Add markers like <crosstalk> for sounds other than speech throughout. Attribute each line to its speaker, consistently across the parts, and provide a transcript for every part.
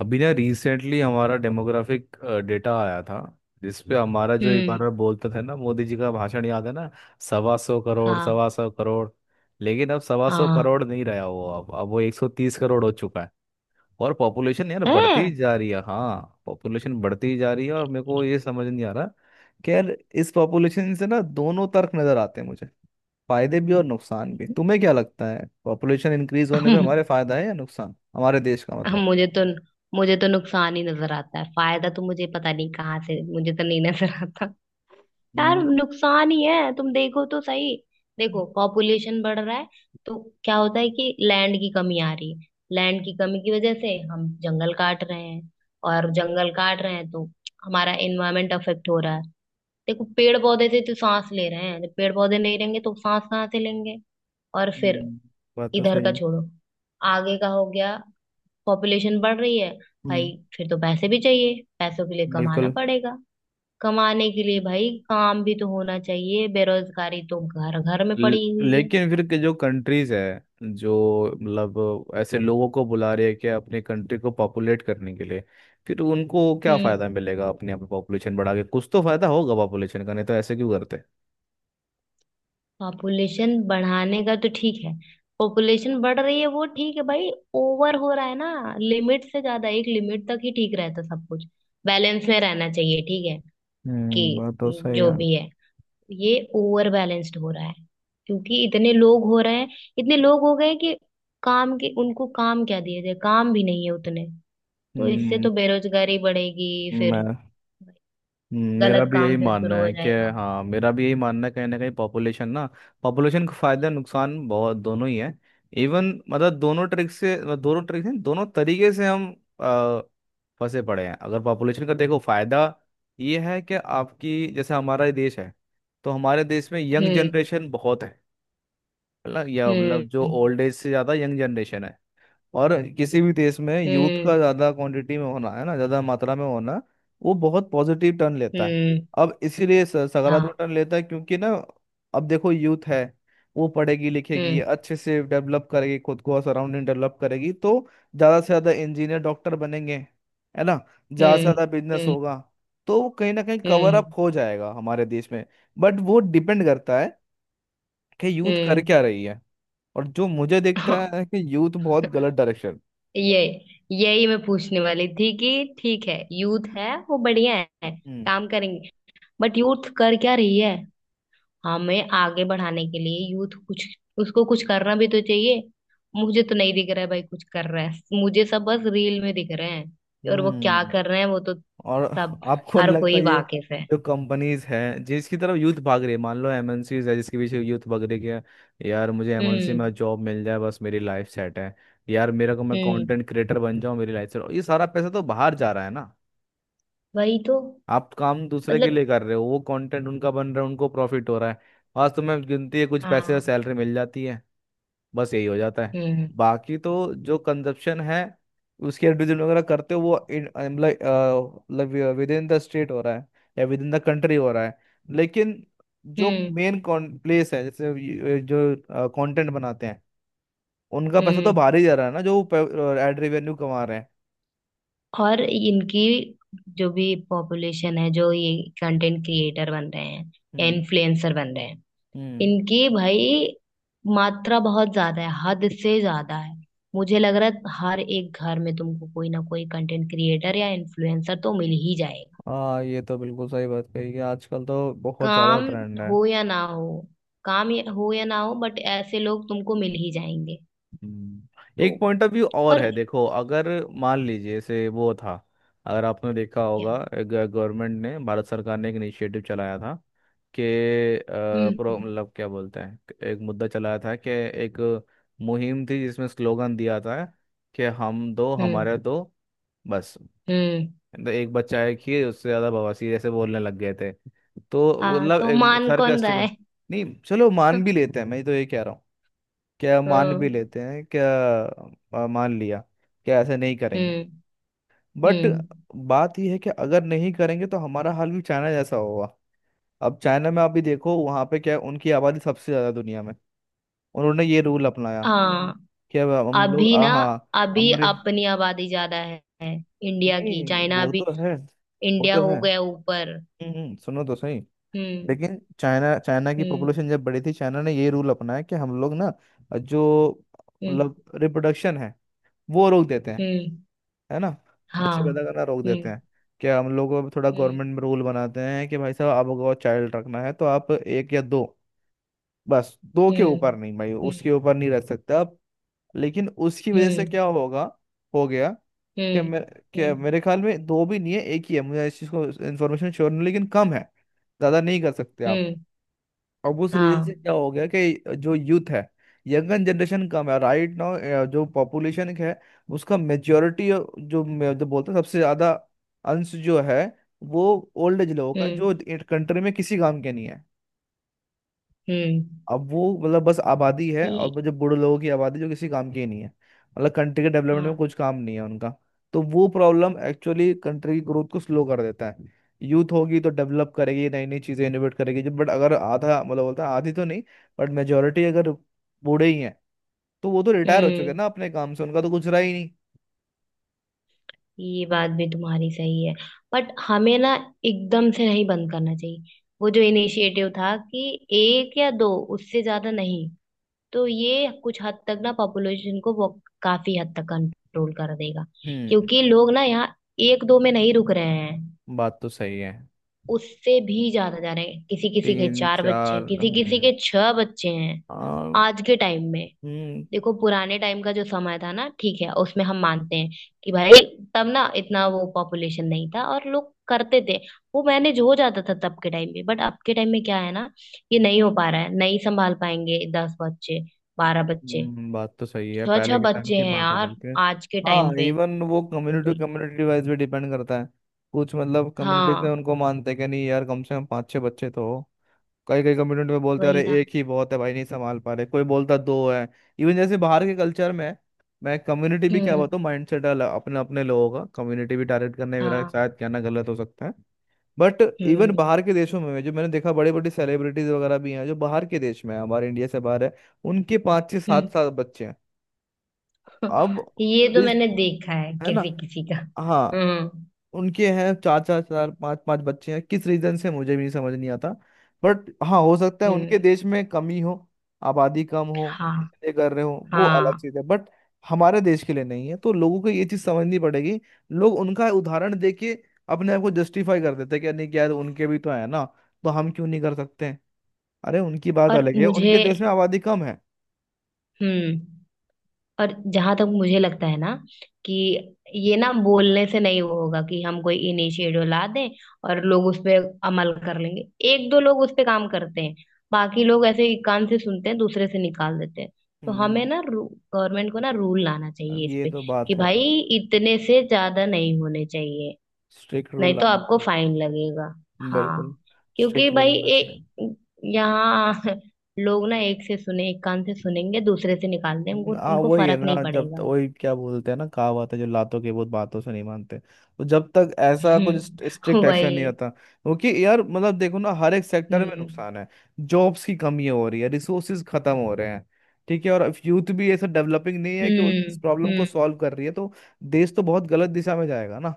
Speaker 1: अभी ना रिसेंटली हमारा डेमोग्राफिक डेटा आया था जिस पे हमारा जो एक
Speaker 2: हम्म।
Speaker 1: बार बोलते थे ना, मोदी जी का भाषण याद है ना? 125 करोड़,
Speaker 2: हाँ।
Speaker 1: 125 करोड़। लेकिन अब सवा सौ
Speaker 2: हाँ।
Speaker 1: करोड़ नहीं रहा, वो अब वो 130 करोड़ हो चुका है। और पॉपुलेशन यार बढ़ती ही
Speaker 2: है।
Speaker 1: जा रही है, हाँ पॉपुलेशन बढ़ती ही जा रही है। और मेरे को ये समझ नहीं आ रहा कि यार इस पॉपुलेशन से ना दोनों तर्क नजर आते हैं मुझे, फायदे भी और नुकसान भी। तुम्हें क्या लगता है, पॉपुलेशन इंक्रीज होने पे हमारे फायदा है या नुकसान हमारे देश का,
Speaker 2: <laughs>
Speaker 1: मतलब?
Speaker 2: मुझे तो मुझे तो नुकसान ही नजर आता है। फायदा तो मुझे पता नहीं कहाँ से, मुझे तो नहीं नजर आता। यार
Speaker 1: हम्म।
Speaker 2: नुकसान ही है, तुम देखो तो सही। देखो, पॉपुलेशन बढ़ रहा है तो क्या होता है कि लैंड की कमी आ रही है। लैंड की कमी की वजह से हम जंगल काट रहे हैं, और जंगल काट रहे हैं तो हमारा एनवायरमेंट अफेक्ट हो रहा है। देखो, पेड़ पौधे से तो सांस ले रहे हैं, पेड़ पौधे नहीं रहेंगे तो सांस कहाँ से लेंगे। और फिर
Speaker 1: हम्म, बात तो
Speaker 2: इधर का
Speaker 1: सही है।
Speaker 2: छोड़ो, आगे का हो गया। पॉपुलेशन बढ़ रही है
Speaker 1: हम्म।
Speaker 2: भाई। फिर तो पैसे भी चाहिए, पैसों के लिए कमाना
Speaker 1: बिल्कुल।
Speaker 2: पड़ेगा। कमाने के लिए भाई काम भी तो होना चाहिए, बेरोजगारी तो घर घर में
Speaker 1: ल-
Speaker 2: पड़ी हुई है।
Speaker 1: लेकिन फिर के जो कंट्रीज है, जो मतलब ऐसे लोगों को बुला रही है कि अपने कंट्री को पॉपुलेट करने के लिए, फिर उनको क्या
Speaker 2: हम्म।
Speaker 1: फायदा मिलेगा? अपने आप पॉपुलेशन बढ़ा के, कुछ तो फायदा होगा पॉपुलेशन का, नहीं तो ऐसे क्यों करते।
Speaker 2: पॉपुलेशन बढ़ाने का तो ठीक है, पॉपुलेशन बढ़ रही है वो ठीक है भाई। ओवर हो रहा है ना लिमिट से ज्यादा, एक लिमिट तक ही ठीक रहता सब कुछ। बैलेंस में रहना चाहिए ठीक है कि
Speaker 1: हम्म, बात तो सही
Speaker 2: जो
Speaker 1: है।
Speaker 2: भी है। ये ओवर बैलेंस्ड हो रहा है क्योंकि इतने लोग हो रहे हैं। इतने लोग हो गए कि काम के उनको काम क्या दिए जाए, काम भी नहीं है उतने। तो इससे
Speaker 1: हम्म,
Speaker 2: तो बेरोजगारी बढ़ेगी। फिर
Speaker 1: मैं मेरा
Speaker 2: गलत
Speaker 1: भी यही
Speaker 2: काम फिर
Speaker 1: मानना
Speaker 2: शुरू हो
Speaker 1: है कि
Speaker 2: जाएगा।
Speaker 1: हाँ, मेरा भी यही मानना है कहीं ना कहीं पॉपुलेशन ना, पॉपुलेशन को फायदा नुकसान बहुत दोनों ही है। इवन मतलब दोनों ट्रिक से, मतलब दोनों ट्रिक से दोनों तरीके से हम अ, फंसे पड़े हैं। अगर पॉपुलेशन का देखो, फायदा ये है कि आपकी जैसे हमारा ये देश है, तो हमारे देश में यंग
Speaker 2: हम्म।
Speaker 1: जनरेशन बहुत है। मतलब या मतलब जो
Speaker 2: हम्म।
Speaker 1: ओल्ड एज से ज़्यादा यंग जनरेशन है। और किसी भी देश में यूथ
Speaker 2: हम्म।
Speaker 1: का ज्यादा क्वांटिटी में होना है ना, ज्यादा मात्रा में होना, वो बहुत पॉजिटिव टर्न लेता है।
Speaker 2: हम्म।
Speaker 1: अब इसीलिए
Speaker 2: हाँ।
Speaker 1: सकारात्मक टर्न लेता है क्योंकि ना अब देखो, यूथ है, वो पढ़ेगी लिखेगी
Speaker 2: हम्म।
Speaker 1: अच्छे से, डेवलप करेगी खुद को, सराउंडिंग डेवलप करेगी, तो ज्यादा से ज्यादा इंजीनियर डॉक्टर बनेंगे, है ना। ज्यादा से
Speaker 2: हम्म।
Speaker 1: ज्यादा बिजनेस
Speaker 2: हम्म।
Speaker 1: होगा। तो वो कहीं ना कहीं कवर अप
Speaker 2: हम्म।
Speaker 1: हो जाएगा हमारे देश में। बट वो डिपेंड करता है कि यूथ कर
Speaker 2: हम्म।
Speaker 1: क्या रही है। और जो मुझे दिखता है
Speaker 2: <laughs>
Speaker 1: कि यूथ बहुत गलत डायरेक्शन।
Speaker 2: ये यही मैं पूछने वाली थी कि ठीक है, यूथ है वो बढ़िया है,
Speaker 1: हम्म।
Speaker 2: काम करेंगे, बट यूथ कर क्या रही है। हमें आगे बढ़ाने के लिए यूथ कुछ, उसको कुछ करना भी तो चाहिए। मुझे तो नहीं दिख रहा है भाई कुछ कर रहा है, मुझे सब बस रील में दिख रहे हैं, और वो क्या
Speaker 1: हम्म।
Speaker 2: कर रहे हैं वो तो
Speaker 1: और
Speaker 2: सब
Speaker 1: आपको नहीं
Speaker 2: हर
Speaker 1: लगता,
Speaker 2: कोई
Speaker 1: ये
Speaker 2: वाकिफ है।
Speaker 1: जो कंपनीज हैं जिसकी तरफ यूथ भाग रही है, मान लो एमएनसीज है जिसके पीछे यूथ भाग रही है, कि यार मुझे एमएनसी
Speaker 2: हम्म।
Speaker 1: में जॉब मिल जाए, बस मेरी लाइफ सेट है। यार मेरे को, मैं
Speaker 2: हम्म।
Speaker 1: कंटेंट क्रिएटर बन जाऊं मेरी लाइफ सेट, ये सारा पैसा तो बाहर जा रहा है ना।
Speaker 2: वही तो।
Speaker 1: आप काम दूसरे के
Speaker 2: मतलब
Speaker 1: लिए कर रहे हो, वो कंटेंट उनका बन रहा है, उनको प्रॉफिट हो रहा है। आज तुम्हें गिनती है कुछ पैसे
Speaker 2: हाँ।
Speaker 1: सैलरी मिल जाती है, बस यही हो जाता है।
Speaker 2: हम्म।
Speaker 1: बाकी तो जो कंजप्शन है, उसके एडवर्टीजमेंट वगैरह करते हो,
Speaker 2: हम्म।
Speaker 1: वो मतलब विद इन द स्टेट हो रहा है या विद इन द कंट्री हो रहा है। लेकिन जो
Speaker 2: हम्म।
Speaker 1: मेन प्लेस है, जैसे जो कंटेंट बनाते हैं, उनका पैसा तो
Speaker 2: हम्म।
Speaker 1: बाहर ही जा रहा है ना, जो एड रेवेन्यू कमा रहे हैं।
Speaker 2: और इनकी जो भी पॉपुलेशन है जो ये कंटेंट क्रिएटर बन रहे हैं,
Speaker 1: हम्म।
Speaker 2: इन्फ्लुएंसर बन रहे हैं,
Speaker 1: हम्म।
Speaker 2: इनकी भाई मात्रा बहुत ज्यादा है, हद से ज्यादा है। मुझे लग रहा है हर एक घर में तुमको कोई ना कोई कंटेंट क्रिएटर या इन्फ्लुएंसर तो मिल ही जाएगा।
Speaker 1: हाँ, ये तो बिल्कुल सही बात कही कि आजकल तो बहुत ज्यादा
Speaker 2: काम
Speaker 1: ट्रेंड है।
Speaker 2: हो या ना हो, हो या ना हो बट ऐसे लोग तुमको मिल ही जाएंगे।
Speaker 1: हम्म,
Speaker 2: तो
Speaker 1: एक पॉइंट ऑफ व्यू और
Speaker 2: और
Speaker 1: है। देखो अगर मान लीजिए जैसे वो था, अगर आपने देखा
Speaker 2: क्या।
Speaker 1: होगा, गवर्नमेंट ने, भारत सरकार ने एक इनिशिएटिव चलाया था कि अ,
Speaker 2: हम्म।
Speaker 1: प्रो मतलब क्या बोलते हैं, एक मुद्दा चलाया था कि एक मुहिम थी जिसमें स्लोगन दिया था कि हम दो
Speaker 2: हम्म।
Speaker 1: हमारे दो, बस।
Speaker 2: हम्म।
Speaker 1: तो एक बच्चा है कि उससे ज्यादा बवासीर, ऐसे बोलने लग गए थे। तो
Speaker 2: हाँ,
Speaker 1: मतलब
Speaker 2: तो
Speaker 1: एक
Speaker 2: मान कौन रहा
Speaker 1: सरकास्टिक।
Speaker 2: है।
Speaker 1: नहीं चलो मान भी
Speaker 2: <laughs>
Speaker 1: लेते हैं, मैं तो ये कह रहा हूँ क्या, मान भी
Speaker 2: हम्म।
Speaker 1: लेते हैं क्या, मान लिया क्या, ऐसे नहीं करेंगे।
Speaker 2: हम्म।
Speaker 1: बट
Speaker 2: हम्म।
Speaker 1: बात यह है कि अगर नहीं करेंगे तो हमारा हाल भी चाइना जैसा होगा। अब चाइना में आप भी देखो वहाँ पे क्या है, उनकी आबादी सबसे ज़्यादा दुनिया में। उन्होंने ये रूल अपनाया
Speaker 2: हाँ।
Speaker 1: कि अब हम लोग
Speaker 2: अभी ना
Speaker 1: हाँ,
Speaker 2: अभी
Speaker 1: अमरे,
Speaker 2: अपनी आबादी ज्यादा है। इंडिया की
Speaker 1: नहीं,
Speaker 2: चाइना
Speaker 1: वो
Speaker 2: अभी।
Speaker 1: तो है, वो
Speaker 2: इंडिया
Speaker 1: तो
Speaker 2: हो
Speaker 1: है।
Speaker 2: गया ऊपर।
Speaker 1: हम्म। सुनो तो सही।
Speaker 2: हम्म।
Speaker 1: लेकिन चाइना चाइना की पॉपुलेशन
Speaker 2: हम्म।
Speaker 1: जब बड़ी थी, चाइना ने ये रूल अपनाया कि हम लोग ना जो
Speaker 2: हम्म।
Speaker 1: मतलब रिप्रोडक्शन है वो रोक देते हैं,
Speaker 2: हम्म।
Speaker 1: है ना,
Speaker 2: हाँ।
Speaker 1: बच्चे पैदा करना रोक देते
Speaker 2: हम्म।
Speaker 1: हैं। क्या हम लोग अब थोड़ा
Speaker 2: हम्म।
Speaker 1: गवर्नमेंट में रूल बनाते हैं कि भाई साहब आपको चाइल्ड रखना है तो आप एक या दो, बस, दो के ऊपर
Speaker 2: हम्म।
Speaker 1: नहीं भाई, उसके
Speaker 2: हम्म।
Speaker 1: ऊपर नहीं रख सकते आप। लेकिन उसकी वजह से
Speaker 2: हम्म।
Speaker 1: क्या होगा, हो गया कि
Speaker 2: हम्म।
Speaker 1: कि
Speaker 2: हम्म।
Speaker 1: मेरे ख्याल में दो भी नहीं है एक ही है, मुझे इस चीज़ को इन्फॉर्मेशन श्योर नहीं लेकिन कम है, ज़्यादा नहीं कर सकते आप।
Speaker 2: हम्म।
Speaker 1: अब उस रीजन से
Speaker 2: हाँ।
Speaker 1: क्या हो गया कि जो यूथ है, यंगन जनरेशन कम है, राइट नाउ जो पॉपुलेशन है उसका मेच्योरिटी, जो बोलते हैं सबसे ज्यादा अंश जो है, वो ओल्ड एज लोगों का है,
Speaker 2: हम्म।
Speaker 1: जो कंट्री में किसी काम के नहीं है।
Speaker 2: हम्म।
Speaker 1: अब वो मतलब बस आबादी है, और
Speaker 2: ये।
Speaker 1: वो जो बूढ़े लोगों की आबादी जो किसी काम की ही नहीं है, मतलब कंट्री के डेवलपमेंट में
Speaker 2: हाँ।
Speaker 1: कुछ काम नहीं है उनका। तो वो प्रॉब्लम एक्चुअली कंट्री की ग्रोथ को स्लो कर देता है। यूथ होगी तो डेवलप करेगी, नई नई चीजें इनोवेट करेगी जब, बट अगर आधा मतलब बोलता है आधी तो नहीं, बट मेजोरिटी अगर बूढ़े ही हैं तो वो तो रिटायर हो चुके हैं
Speaker 2: हम्म।
Speaker 1: ना अपने काम से, उनका तो कुछ रहा ही नहीं।
Speaker 2: ये बात भी तुम्हारी सही है, बट हमें ना एकदम से नहीं बंद करना चाहिए। वो जो इनिशिएटिव था कि एक या दो, उससे ज्यादा नहीं, तो ये कुछ हद तक ना पॉपुलेशन को बहुत काफी हद तक कंट्रोल कर देगा,
Speaker 1: हम्म,
Speaker 2: क्योंकि लोग ना यहाँ एक दो में नहीं रुक रहे हैं,
Speaker 1: बात तो सही है।
Speaker 2: उससे भी ज्यादा जा रहे हैं। किसी किसी के
Speaker 1: तीन
Speaker 2: चार बच्चे
Speaker 1: चार,
Speaker 2: हैं, किसी किसी
Speaker 1: हम्म।
Speaker 2: के छह बच्चे हैं
Speaker 1: आ,
Speaker 2: आज के टाइम में।
Speaker 1: हम्म।
Speaker 2: देखो पुराने टाइम का जो समय था ना, ठीक है, उसमें हम मानते हैं कि भाई तब ना इतना वो पॉपुलेशन नहीं था और लोग करते थे, वो मैनेज हो जाता था तब के टाइम में, बट अब के टाइम में क्या है ना, ये नहीं हो पा रहा है, नहीं संभाल पाएंगे दस बच्चे, बारह बच्चे।
Speaker 1: बात तो सही है,
Speaker 2: छह
Speaker 1: पहले
Speaker 2: छह
Speaker 1: के टाइम
Speaker 2: बच्चे
Speaker 1: की
Speaker 2: हैं
Speaker 1: बात अलग
Speaker 2: यार
Speaker 1: थी।
Speaker 2: आज के टाइम
Speaker 1: हाँ,
Speaker 2: पे।
Speaker 1: इवन वो
Speaker 2: तो
Speaker 1: कम्युनिटी,
Speaker 2: तुम।
Speaker 1: कम्युनिटी वाइज भी डिपेंड करता है। कुछ मतलब कम्युनिटीज में
Speaker 2: हाँ,
Speaker 1: उनको मानते हैं कि नहीं यार, कम से कम पाँच छह बच्चे तो हो। कई कई कम्युनिटी में बोलते हैं अरे
Speaker 2: वही ना।
Speaker 1: एक ही बहुत है भाई, नहीं संभाल पा रहे। कोई बोलता दो है। इवन जैसे बाहर के कल्चर में, मैं कम्युनिटी भी क्या
Speaker 2: हम्म।
Speaker 1: बताऊँ, माइंड सेट अपने अपने लोगों का, कम्युनिटी भी टारगेट करने में मेरा
Speaker 2: हाँ।
Speaker 1: शायद कहना गलत हो सकता है। बट इवन
Speaker 2: हम्म।
Speaker 1: बाहर के देशों में जो मैंने देखा, बड़े बड़े सेलिब्रिटीज वगैरह भी हैं जो बाहर के देश में है, हमारे इंडिया से बाहर है, उनके पाँच से सात
Speaker 2: हम्म।
Speaker 1: सात बच्चे हैं।
Speaker 2: <laughs>
Speaker 1: अब
Speaker 2: ये तो
Speaker 1: इस-
Speaker 2: मैंने देखा है
Speaker 1: है ना,
Speaker 2: किसी किसी का।
Speaker 1: हाँ,
Speaker 2: हम्म।
Speaker 1: उनके हैं चार चार चार पांच पांच बच्चे हैं। किस रीजन से मुझे भी नहीं समझ नहीं आता, बट हाँ, हो सकता है उनके
Speaker 2: हम्म।
Speaker 1: देश में कमी हो, आबादी कम हो,
Speaker 2: हाँ।
Speaker 1: इसलिए कर रहे हो वो अलग
Speaker 2: हाँ,
Speaker 1: चीज है। बट हमारे देश के लिए नहीं है तो लोगों को ये चीज समझनी पड़ेगी। लोग उनका उदाहरण देके अपने आप को जस्टिफाई कर देते हैं कि, "अरे नहीं क्या यार, उनके भी तो है ना, तो हम क्यों नहीं कर सकते हैं? अरे उनकी बात
Speaker 2: और
Speaker 1: अलग है,
Speaker 2: मुझे।
Speaker 1: उनके देश में आबादी कम है।"
Speaker 2: हम्म। और जहां तक मुझे लगता है ना, कि ये ना बोलने से नहीं वो होगा कि हम कोई इनिशिएटिव ला दें और लोग उस पे अमल कर लेंगे। एक दो लोग उस पे काम करते हैं, बाकी लोग ऐसे एक कान से सुनते हैं दूसरे से निकाल देते हैं। तो हमें
Speaker 1: हम्म,
Speaker 2: ना गवर्नमेंट को ना रूल लाना
Speaker 1: अब
Speaker 2: चाहिए इस
Speaker 1: ये
Speaker 2: पे
Speaker 1: तो
Speaker 2: कि
Speaker 1: बात है,
Speaker 2: भाई इतने से ज्यादा नहीं होने चाहिए,
Speaker 1: स्ट्रिक्ट रूल
Speaker 2: नहीं तो
Speaker 1: लाना
Speaker 2: आपको
Speaker 1: चाहिए।
Speaker 2: फाइन लगेगा।
Speaker 1: बिल्कुल,
Speaker 2: हाँ, क्योंकि
Speaker 1: स्ट्रिक्ट रूल
Speaker 2: भाई
Speaker 1: लाना चाहिए।
Speaker 2: यहाँ <laughs> लोग ना एक कान से सुनेंगे दूसरे से निकाल देंगे, उनको
Speaker 1: हाँ
Speaker 2: उनको
Speaker 1: वही है
Speaker 2: फर्क नहीं
Speaker 1: ना, जब तक,
Speaker 2: पड़ेगा।
Speaker 1: वही क्या बोलते हैं ना, कहावत है जो लातों के भूत बातों से नहीं मानते, तो जब तक
Speaker 2: <laughs>
Speaker 1: ऐसा कुछ
Speaker 2: हम्म।
Speaker 1: स्ट्रिक्ट एक्शन नहीं
Speaker 2: वही।
Speaker 1: होता, क्योंकि यार मतलब देखो ना हर एक सेक्टर में
Speaker 2: हम्म।
Speaker 1: नुकसान है, जॉब्स की कमी हो रही है, रिसोर्सेज खत्म हो रहे हैं, ठीक है, और यूथ भी ऐसा डेवलपिंग नहीं है कि
Speaker 2: हम्म।
Speaker 1: उस प्रॉब्लम को
Speaker 2: हम्म।
Speaker 1: सॉल्व कर रही है, तो देश तो बहुत गलत दिशा में जाएगा ना।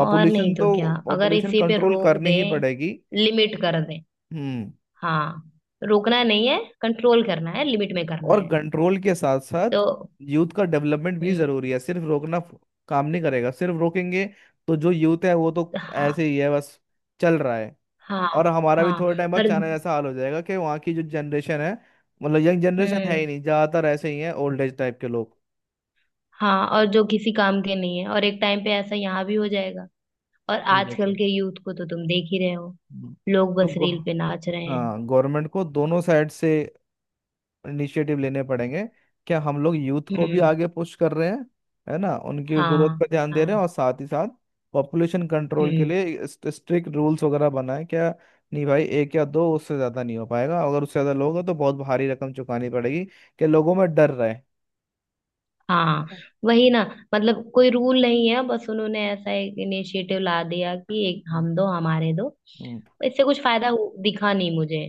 Speaker 2: और नहीं तो
Speaker 1: तो,
Speaker 2: क्या, अगर
Speaker 1: पॉपुलेशन
Speaker 2: इसी पे
Speaker 1: कंट्रोल
Speaker 2: रोक
Speaker 1: करनी ही
Speaker 2: दें,
Speaker 1: पड़ेगी।
Speaker 2: लिमिट कर दें।
Speaker 1: हम्म,
Speaker 2: हाँ, रोकना नहीं है, कंट्रोल करना है, लिमिट में करना
Speaker 1: और
Speaker 2: है।
Speaker 1: कंट्रोल के साथ साथ
Speaker 2: तो
Speaker 1: यूथ का डेवलपमेंट भी
Speaker 2: हम्म।
Speaker 1: जरूरी है, सिर्फ रोकना काम नहीं करेगा, सिर्फ रोकेंगे तो जो यूथ है वो तो
Speaker 2: हाँ।
Speaker 1: ऐसे ही है, बस चल रहा है।
Speaker 2: हाँ।
Speaker 1: और हमारा भी
Speaker 2: हाँ,
Speaker 1: थोड़े टाइम बाद
Speaker 2: और।
Speaker 1: चाइना जैसा हाल हो जाएगा, कि वहाँ की जो जनरेशन है, मतलब यंग जनरेशन है ही
Speaker 2: हम्म।
Speaker 1: नहीं, ज्यादातर ऐसे ही है ओल्ड एज टाइप के लोग।
Speaker 2: हाँ, और जो किसी काम के नहीं है, और एक टाइम पे ऐसा यहाँ भी हो जाएगा। और आजकल
Speaker 1: एग्जैक्टली,
Speaker 2: के यूथ को तो तुम देख ही रहे हो, लोग
Speaker 1: तो
Speaker 2: बस रील पे नाच रहे हैं।
Speaker 1: हाँ, गवर्नमेंट को दोनों साइड से इनिशिएटिव लेने पड़ेंगे। क्या हम लोग यूथ को भी
Speaker 2: हम्म।
Speaker 1: आगे पुश कर रहे हैं, है ना, उनकी ग्रोथ
Speaker 2: हाँ।
Speaker 1: पर ध्यान दे रहे हैं,
Speaker 2: हाँ।
Speaker 1: और साथ ही साथ पॉपुलेशन कंट्रोल के
Speaker 2: हम्म।
Speaker 1: लिए स्ट्रिक्ट रूल्स वगैरह बनाए क्या। नहीं भाई, एक या दो, उससे ज़्यादा नहीं हो पाएगा, अगर उससे ज़्यादा लोग हैं तो बहुत भारी रकम चुकानी पड़ेगी, कि लोगों में डर रहे।
Speaker 2: हाँ, वही ना। मतलब कोई रूल नहीं है, बस उन्होंने ऐसा एक इनिशिएटिव ला दिया कि एक,
Speaker 1: हम्म।
Speaker 2: हम दो हमारे दो,
Speaker 1: हम्म।
Speaker 2: इससे कुछ फायदा दिखा नहीं मुझे।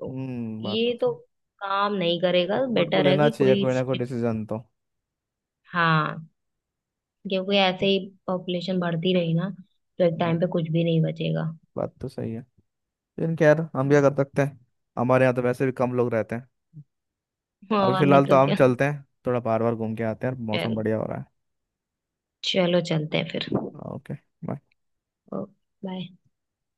Speaker 2: तो
Speaker 1: बात
Speaker 2: ये
Speaker 1: तो
Speaker 2: तो
Speaker 1: सही।
Speaker 2: काम नहीं करेगा,
Speaker 1: गवर्नमेंट को
Speaker 2: बेटर है
Speaker 1: लेना
Speaker 2: कि
Speaker 1: चाहिए
Speaker 2: कोई
Speaker 1: कोई ना कोई
Speaker 2: स्ट्रिक्ट।
Speaker 1: डिसीजन तो।
Speaker 2: हाँ, क्योंकि ऐसे ही पॉपुलेशन बढ़ती रही ना तो एक
Speaker 1: हम्म,
Speaker 2: टाइम पे कुछ भी नहीं बचेगा।
Speaker 1: बात तो सही है, लेकिन खैर हम क्या
Speaker 2: हम्म,
Speaker 1: कर सकते हैं, हमारे यहाँ तो वैसे भी कम लोग रहते हैं। अभी
Speaker 2: और नहीं
Speaker 1: फिलहाल तो
Speaker 2: तो
Speaker 1: हम
Speaker 2: क्या।
Speaker 1: चलते हैं, थोड़ा बार बार घूम के आते हैं, मौसम
Speaker 2: चलो,
Speaker 1: बढ़िया हो रहा
Speaker 2: चलो चलते हैं फिर।
Speaker 1: है, ओके।
Speaker 2: बाय।